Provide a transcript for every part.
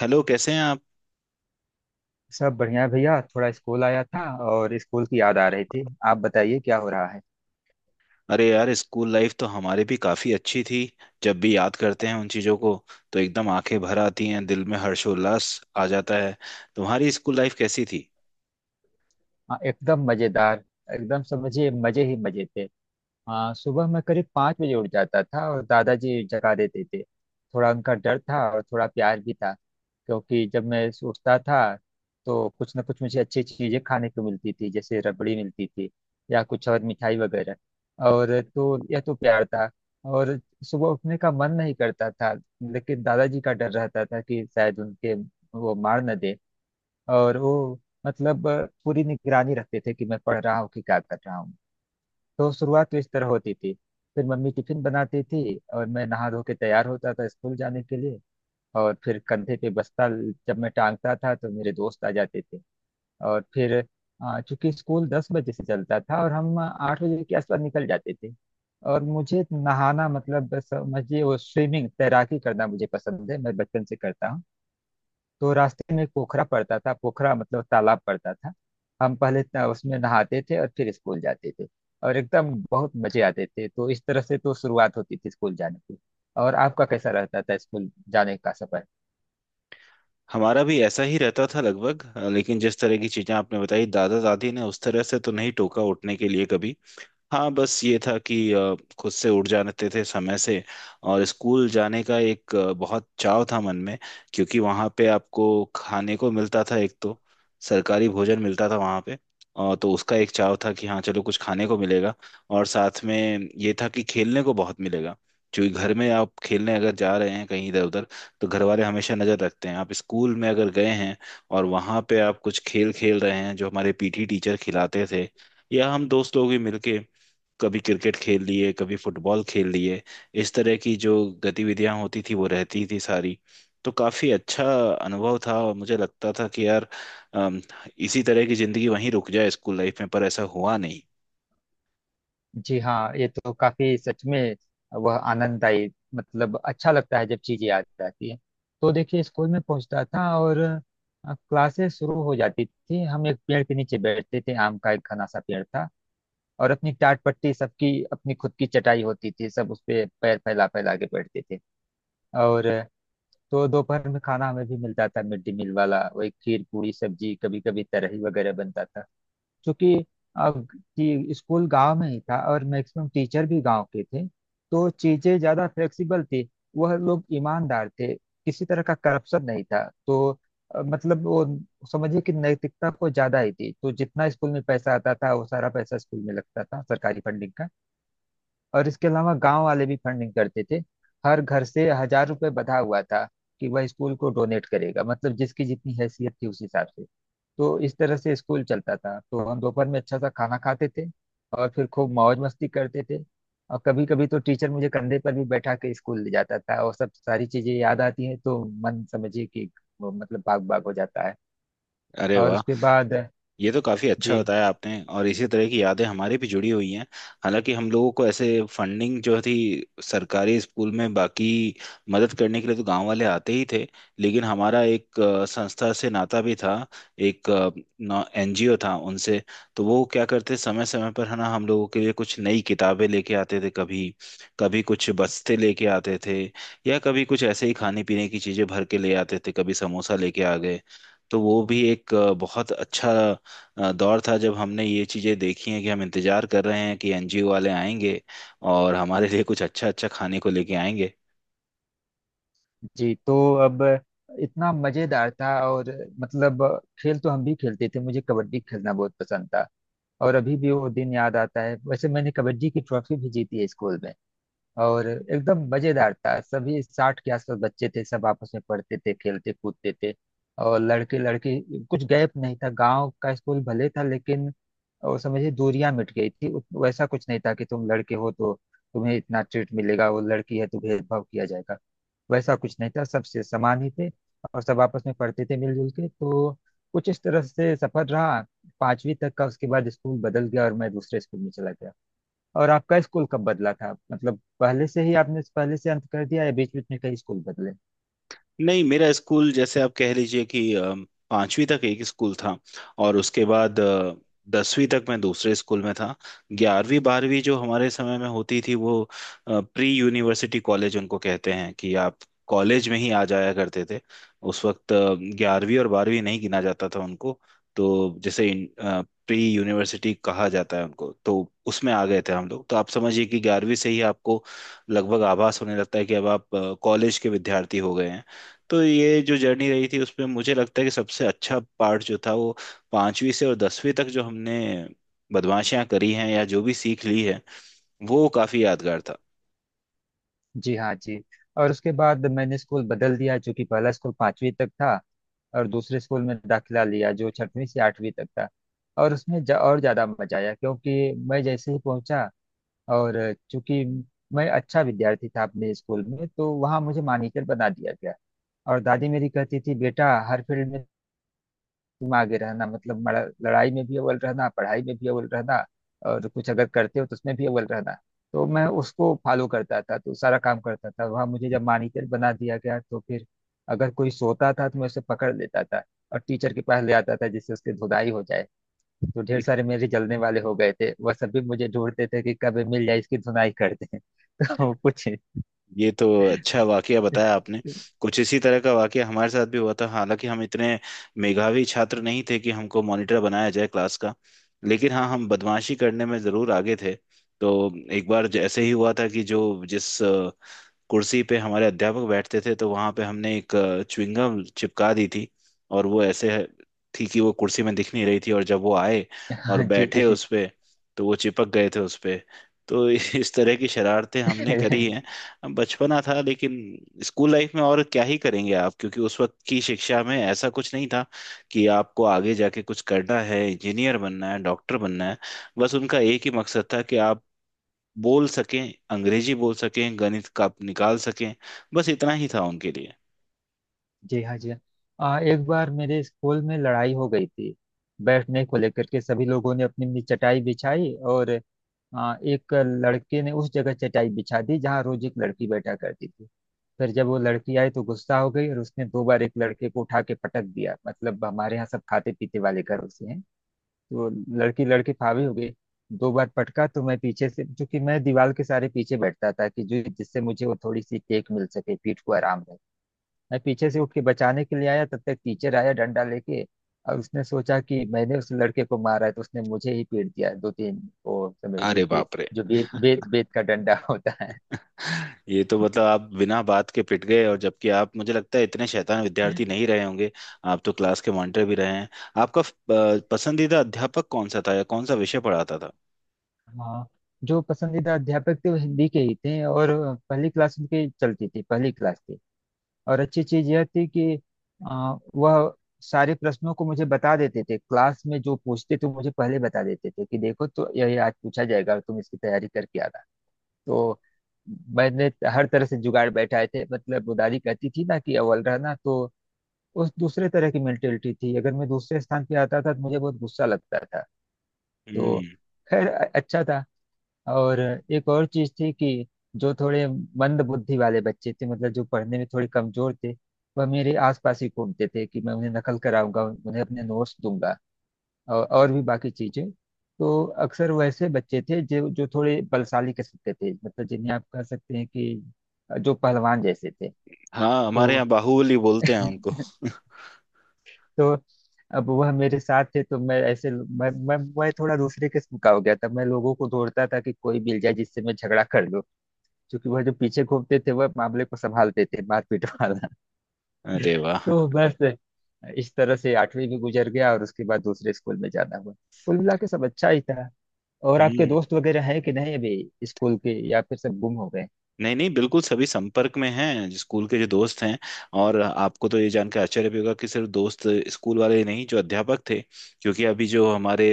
Hello कैसे हैं आप। सब बढ़िया है भैया। थोड़ा स्कूल आया था और स्कूल की याद आ रही थी। आप बताइए क्या हो रहा है। अरे यार स्कूल लाइफ तो हमारी भी काफी अच्छी थी। जब भी याद करते हैं उन चीजों को तो एकदम आंखें भर आती हैं, दिल में हर्षोल्लास आ जाता है। तुम्हारी स्कूल लाइफ कैसी थी। हाँ, एकदम मजेदार। एकदम समझिए मजे ही मजे थे। हाँ, सुबह मैं करीब 5 बजे उठ जाता था और दादाजी जगा देते थे, थोड़ा उनका डर था और थोड़ा प्यार भी था, क्योंकि जब मैं उठता था तो कुछ ना कुछ मुझे अच्छी चीजें खाने को मिलती थी, जैसे रबड़ी मिलती थी या कुछ और मिठाई वगैरह। और तो यह तो प्यार था। और सुबह उठने का मन नहीं करता था, लेकिन दादाजी का डर रहता था कि शायद उनके वो मार न दे। और वो, मतलब, पूरी निगरानी रखते थे कि मैं पढ़ रहा हूँ कि क्या कर रहा हूँ। तो शुरुआत तो इस तरह होती थी। फिर मम्मी टिफिन बनाती थी और मैं नहा धो के तैयार होता था स्कूल जाने के लिए। और फिर कंधे पे बस्ता जब मैं टांगता था तो मेरे दोस्त आ जाते थे। और फिर चूंकि स्कूल 10 बजे से चलता था और हम 8 बजे के आसपास निकल जाते थे, और मुझे नहाना, मतलब बस समझिए, वो स्विमिंग तैराकी करना मुझे पसंद है, मैं बचपन से करता हूँ। तो रास्ते में एक पोखरा पड़ता था, पोखरा मतलब तालाब पड़ता था। हम पहले उसमें नहाते थे और फिर स्कूल जाते थे। और एकदम बहुत मजे आते थे, तो इस तरह से तो शुरुआत होती थी स्कूल जाने की। और आपका कैसा रहता था स्कूल जाने का सफर? हमारा भी ऐसा ही रहता था लगभग। लेकिन जिस तरह की चीजें आपने बताई, दादा दादी ने उस तरह से तो नहीं टोका उठने के लिए कभी। हाँ, बस ये था कि खुद से उठ जाते थे समय से। और स्कूल जाने का एक बहुत चाव था मन में। क्योंकि वहाँ पे आपको खाने को मिलता था एक तो सरकारी भोजन मिलता था वहाँ पे। और तो उसका एक चाव था कि हाँ चलो कुछ खाने को मिलेगा। और साथ में ये था कि खेलने को बहुत मिलेगा। क्योंकि घर में आप खेलने अगर जा रहे हैं कहीं इधर उधर तो घर वाले हमेशा नज़र रखते हैं। आप स्कूल में अगर गए हैं और वहाँ पे आप कुछ खेल खेल रहे हैं जो हमारे पीटी टीचर खिलाते थे, या हम दोस्त लोग भी मिलके कभी क्रिकेट खेल लिए, कभी फुटबॉल खेल लिए, इस तरह की जो गतिविधियां होती थी वो रहती थी सारी। तो काफी अच्छा अनुभव था और मुझे लगता था कि यार अम, इसी तरह की जिंदगी वहीं रुक जाए स्कूल लाइफ में, पर ऐसा हुआ नहीं। जी हाँ, ये तो काफी सच में वह आनंददायी, मतलब अच्छा लगता है जब चीजें याद आती है। तो देखिए, स्कूल में पहुंचता था और क्लासेस शुरू हो जाती थी। हम एक पेड़ के नीचे बैठते थे, आम का एक घना सा पेड़ था। और अपनी टाट पट्टी, सबकी अपनी खुद की चटाई होती थी, सब उस पे पैर फैला फैला के बैठते थे। और तो दोपहर में खाना हमें भी मिलता था, मिड डे मील वाला वही खीर पूरी सब्जी, कभी कभी तरही वगैरह बनता था। क्योंकि अब कि स्कूल गांव में ही था और मैक्सिमम टीचर भी गांव के थे, तो चीजें ज्यादा फ्लेक्सिबल थी। वह लोग ईमानदार थे, किसी तरह का करप्शन नहीं था। तो मतलब वो समझिए कि नैतिकता को ज्यादा ही थी, तो जितना स्कूल में पैसा आता था वो सारा पैसा स्कूल में लगता था, सरकारी फंडिंग का। और इसके अलावा गांव वाले भी फंडिंग करते थे, हर घर से 1000 रुपए बंधा हुआ था कि वह स्कूल को डोनेट करेगा, मतलब जिसकी जितनी हैसियत थी उस हिसाब से। तो इस तरह से स्कूल चलता था। तो हम दोपहर में अच्छा सा खाना खाते थे और फिर खूब मौज मस्ती करते थे। और कभी कभी तो टीचर मुझे कंधे पर भी बैठा के स्कूल ले जाता था, और सब सारी चीजें याद आती हैं तो मन समझिए कि वो, मतलब, बाग बाग हो जाता है। अरे और वाह, उसके बाद ये तो काफी जी, अच्छा बताया आपने। और इसी तरह की यादें हमारी भी जुड़ी हुई हैं। हालांकि हम लोगों को ऐसे फंडिंग जो थी सरकारी स्कूल में, बाकी मदद करने के लिए तो गांव वाले आते ही थे, लेकिन हमारा एक संस्था से नाता भी था। एक एनजीओ था उनसे। तो वो क्या करते, समय समय पर है ना, हम लोगों के लिए कुछ नई किताबें लेके आते थे, कभी कभी कुछ बस्ते लेके आते थे, या कभी कुछ ऐसे ही खाने पीने की चीजें भर के ले आते थे, कभी समोसा लेके आ गए। तो वो भी एक बहुत अच्छा दौर था जब हमने ये चीज़ें देखी हैं कि हम इंतजार कर रहे हैं कि एनजीओ वाले आएंगे और हमारे लिए कुछ अच्छा अच्छा खाने को लेके आएंगे। जी। तो अब, इतना मजेदार था, और मतलब खेल तो हम भी खेलते थे, मुझे कबड्डी खेलना बहुत पसंद था और अभी भी वो दिन याद आता है। वैसे मैंने कबड्डी की ट्रॉफी भी जीती है स्कूल में। और एकदम मजेदार था, सभी 60 के आसपास बच्चे थे, सब आपस में पढ़ते थे खेलते कूदते थे। और लड़के लड़की कुछ गैप नहीं था, गांव का स्कूल भले था लेकिन, और समझिए दूरियां मिट गई थी। वैसा कुछ नहीं था कि तुम लड़के हो तो तुम्हें इतना ट्रीट मिलेगा, वो लड़की है तो भेदभाव किया जाएगा। वैसा कुछ नहीं था, सब से समान ही थे और सब आपस में पढ़ते थे मिलजुल के। तो कुछ इस तरह से सफर रहा पांचवी तक का। उसके बाद स्कूल बदल गया और मैं दूसरे स्कूल में चला गया। और आपका स्कूल कब बदला था? मतलब पहले से ही आपने पहले से अंत कर दिया, या बीच बीच में कई स्कूल बदले? नहीं, मेरा स्कूल जैसे आप कह लीजिए कि पांचवी तक एक स्कूल था और उसके बाद दसवीं तक मैं दूसरे स्कूल में था। ग्यारहवीं बारहवीं जो हमारे समय में होती थी वो प्री यूनिवर्सिटी कॉलेज उनको कहते हैं कि आप कॉलेज में ही आ जाया करते थे। उस वक्त ग्यारहवीं और बारहवीं नहीं गिना जाता था उनको। तो जैसे प्री यूनिवर्सिटी कहा जाता है उनको। तो उसमें आ गए थे हम लोग। तो आप समझिए कि ग्यारहवीं से ही आपको लगभग आभास होने लगता है कि अब आप कॉलेज के विद्यार्थी हो गए हैं। तो ये जो जर्नी रही थी उसमें मुझे लगता है कि सबसे अच्छा पार्ट जो था वो पांचवी से और दसवीं तक जो हमने बदमाशियां करी हैं या जो भी सीख ली है वो काफी यादगार था। जी हाँ, जी। और उसके बाद मैंने स्कूल बदल दिया, जो कि पहला स्कूल पांचवी तक था, और दूसरे स्कूल में दाखिला लिया जो छठवीं से आठवीं तक था। और उसमें और ज्यादा मजा आया, क्योंकि मैं जैसे ही पहुंचा, और चूंकि मैं अच्छा विद्यार्थी था अपने स्कूल में, तो वहाँ मुझे मॉनिटर बना दिया गया। और दादी मेरी कहती थी, बेटा हर फील्ड में तुम आगे रहना, मतलब लड़ाई में भी अव्वल रहना, पढ़ाई में भी अव्वल रहना, और कुछ अगर करते हो तो उसमें भी अव्वल रहना। तो मैं उसको फॉलो करता था, तो सारा काम करता था। वहाँ मुझे जब मॉनिटर बना दिया गया, तो फिर अगर कोई सोता था तो मैं उसे पकड़ लेता था और टीचर के पास ले आता था जिससे उसकी धुलाई हो जाए। जो ढेर सारे मेरे जलने वाले हो गए थे, वह सभी मुझे ढूंढते थे कि कब ये मिल जाए, इसकी धुनाई कर दें। तो कुछ, ये तो अच्छा वाकया बताया आपने। कुछ इसी तरह का वाकया हमारे साथ भी हुआ था। हालांकि हम इतने मेधावी छात्र नहीं थे कि हमको मॉनिटर बनाया जाए क्लास का, लेकिन हाँ, हम बदमाशी करने में जरूर आगे थे। तो एक बार जैसे ही हुआ था कि जो जिस कुर्सी पे हमारे अध्यापक बैठते थे, तो वहां पे हमने एक च्युइंगम चिपका दी थी। और वो ऐसे थी कि वो कुर्सी में दिख नहीं रही थी। और जब वो आए और हाँ जी, बैठे जी। उस पे तो वो चिपक गए थे उस पे। तो इस तरह की शरारतें हमने करी हैं। अब बचपना था, लेकिन स्कूल लाइफ में और क्या ही करेंगे आप। क्योंकि उस वक्त की शिक्षा में ऐसा कुछ नहीं था कि आपको आगे जाके कुछ करना है, इंजीनियर बनना है, डॉक्टर बनना है। बस उनका एक ही मकसद था कि आप बोल सकें, अंग्रेजी बोल सकें, गणित का निकाल सकें। बस इतना ही था उनके लिए। जी हाँ, जी हाँ। एक बार मेरे स्कूल में लड़ाई हो गई थी बैठने को लेकर के। सभी लोगों ने अपनी अपनी चटाई बिछाई, और एक लड़के ने उस जगह चटाई बिछा दी जहाँ रोज एक लड़की बैठा करती थी। फिर जब वो लड़की आई तो गुस्सा हो गई, और उसने दो बार एक लड़के को उठा के पटक दिया। मतलब हमारे यहाँ सब खाते पीते वाले घरों से हैं। वो लड़की, लड़की फावी हो गई, दो बार पटका। तो मैं पीछे से, जो कि मैं दीवार के सारे पीछे बैठता था कि जो जिससे मुझे वो थोड़ी सी टेक मिल सके, पीठ को आराम रहे, मैं पीछे से उठ के बचाने के लिए आया। तब तक टीचर आया डंडा लेके, और उसने सोचा कि मैंने उस लड़के को मारा है, तो उसने मुझे ही पीट दिया, दो तीन, वो समझिए अरे कि बाप रे। जो बेत, बेत बेत का डंडा होता है। ये तो मतलब आप बिना बात के पिट गए। और जबकि आप, मुझे लगता है, इतने शैतान विद्यार्थी नहीं रहे होंगे। आप तो क्लास के मॉनिटर भी रहे हैं। आपका पसंदीदा अध्यापक कौन सा था या कौन सा विषय पढ़ाता था। हाँ, जो पसंदीदा अध्यापक थे वो हिंदी के ही थे, और पहली क्लास उनकी चलती थी, पहली क्लास थी। और अच्छी चीज यह थी कि वह सारे प्रश्नों को मुझे बता देते थे क्लास में। जो पूछते थे मुझे पहले बता देते थे, कि देखो तो यही आज पूछा जाएगा और तुम इसकी तैयारी करके आना। तो मैंने हर तरह से जुगाड़ बैठाए थे, मतलब वो दादी कहती थी ना कि अव्वल रहना, तो उस दूसरे तरह की मेंटेलिटी थी, अगर मैं दूसरे स्थान पे आता था तो मुझे बहुत गुस्सा लगता था। तो हम्म। खैर अच्छा था। और एक और चीज थी कि जो थोड़े मंद बुद्धि वाले बच्चे थे, मतलब जो पढ़ने में थोड़े कमजोर थे, वह मेरे आसपास ही घूमते थे कि मैं उन्हें नकल कराऊंगा, उन्हें अपने नोट्स दूंगा, और भी बाकी चीजें। तो अक्सर वैसे बच्चे थे जो जो थोड़े बलशाली किस्म के थे, मतलब जिन्हें आप कह सकते हैं कि जो पहलवान जैसे थे। हाँ, हमारे यहाँ तो बाहुबली बोलते हैं उनको। तो अब वह मेरे साथ थे, तो मैं ऐसे, मैं थोड़ा दूसरे किस्म का हो गया था। मैं लोगों को दौड़ता था कि कोई मिल जाए जिससे मैं झगड़ा कर लूं, क्योंकि वह जो पीछे घूमते थे वह मामले को संभालते थे, मारपीट वाला। अरे वाह। तो बस इस तरह से आठवीं भी गुजर गया और उसके बाद दूसरे स्कूल में जाना हुआ। कुल मिला के सब अच्छा ही था। और आपके हम्म। दोस्त वगैरह हैं कि नहीं अभी स्कूल के, या फिर सब गुम हो गए? नहीं नहीं, बिल्कुल सभी संपर्क में हैं जो स्कूल के जो दोस्त हैं। और आपको तो ये जानकर आश्चर्य भी होगा कि सिर्फ दोस्त स्कूल वाले ही नहीं, जो अध्यापक थे, क्योंकि अभी जो हमारे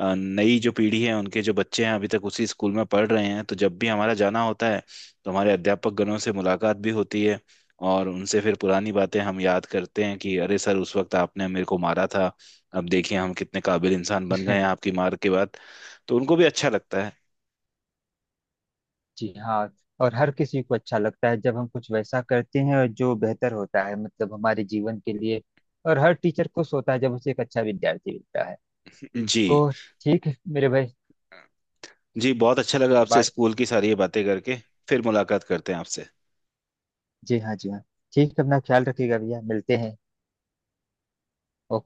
नई जो पीढ़ी है उनके जो बच्चे हैं अभी तक उसी स्कूल में पढ़ रहे हैं, तो जब भी हमारा जाना होता है तो हमारे अध्यापक गणों से मुलाकात भी होती है। और उनसे फिर पुरानी बातें हम याद करते हैं कि अरे सर, उस वक्त आपने मेरे को मारा था, अब देखिए हम कितने काबिल इंसान बन गए हैं आपकी मार के बाद। तो उनको भी अच्छा लगता है। जी हाँ। और हर किसी को अच्छा लगता है जब हम कुछ वैसा करते हैं और जो बेहतर होता है, मतलब हमारे जीवन के लिए। और हर टीचर खुश होता है जब उसे एक अच्छा विद्यार्थी मिलता है। जी। तो ठीक है मेरे भाई। जी, बहुत अच्छा लगा आपसे बात। स्कूल की सारी ये बातें करके। फिर मुलाकात करते हैं आपसे। जी हाँ, जी हाँ। ठीक है, अपना ख्याल रखिएगा भैया, मिलते हैं। ओके।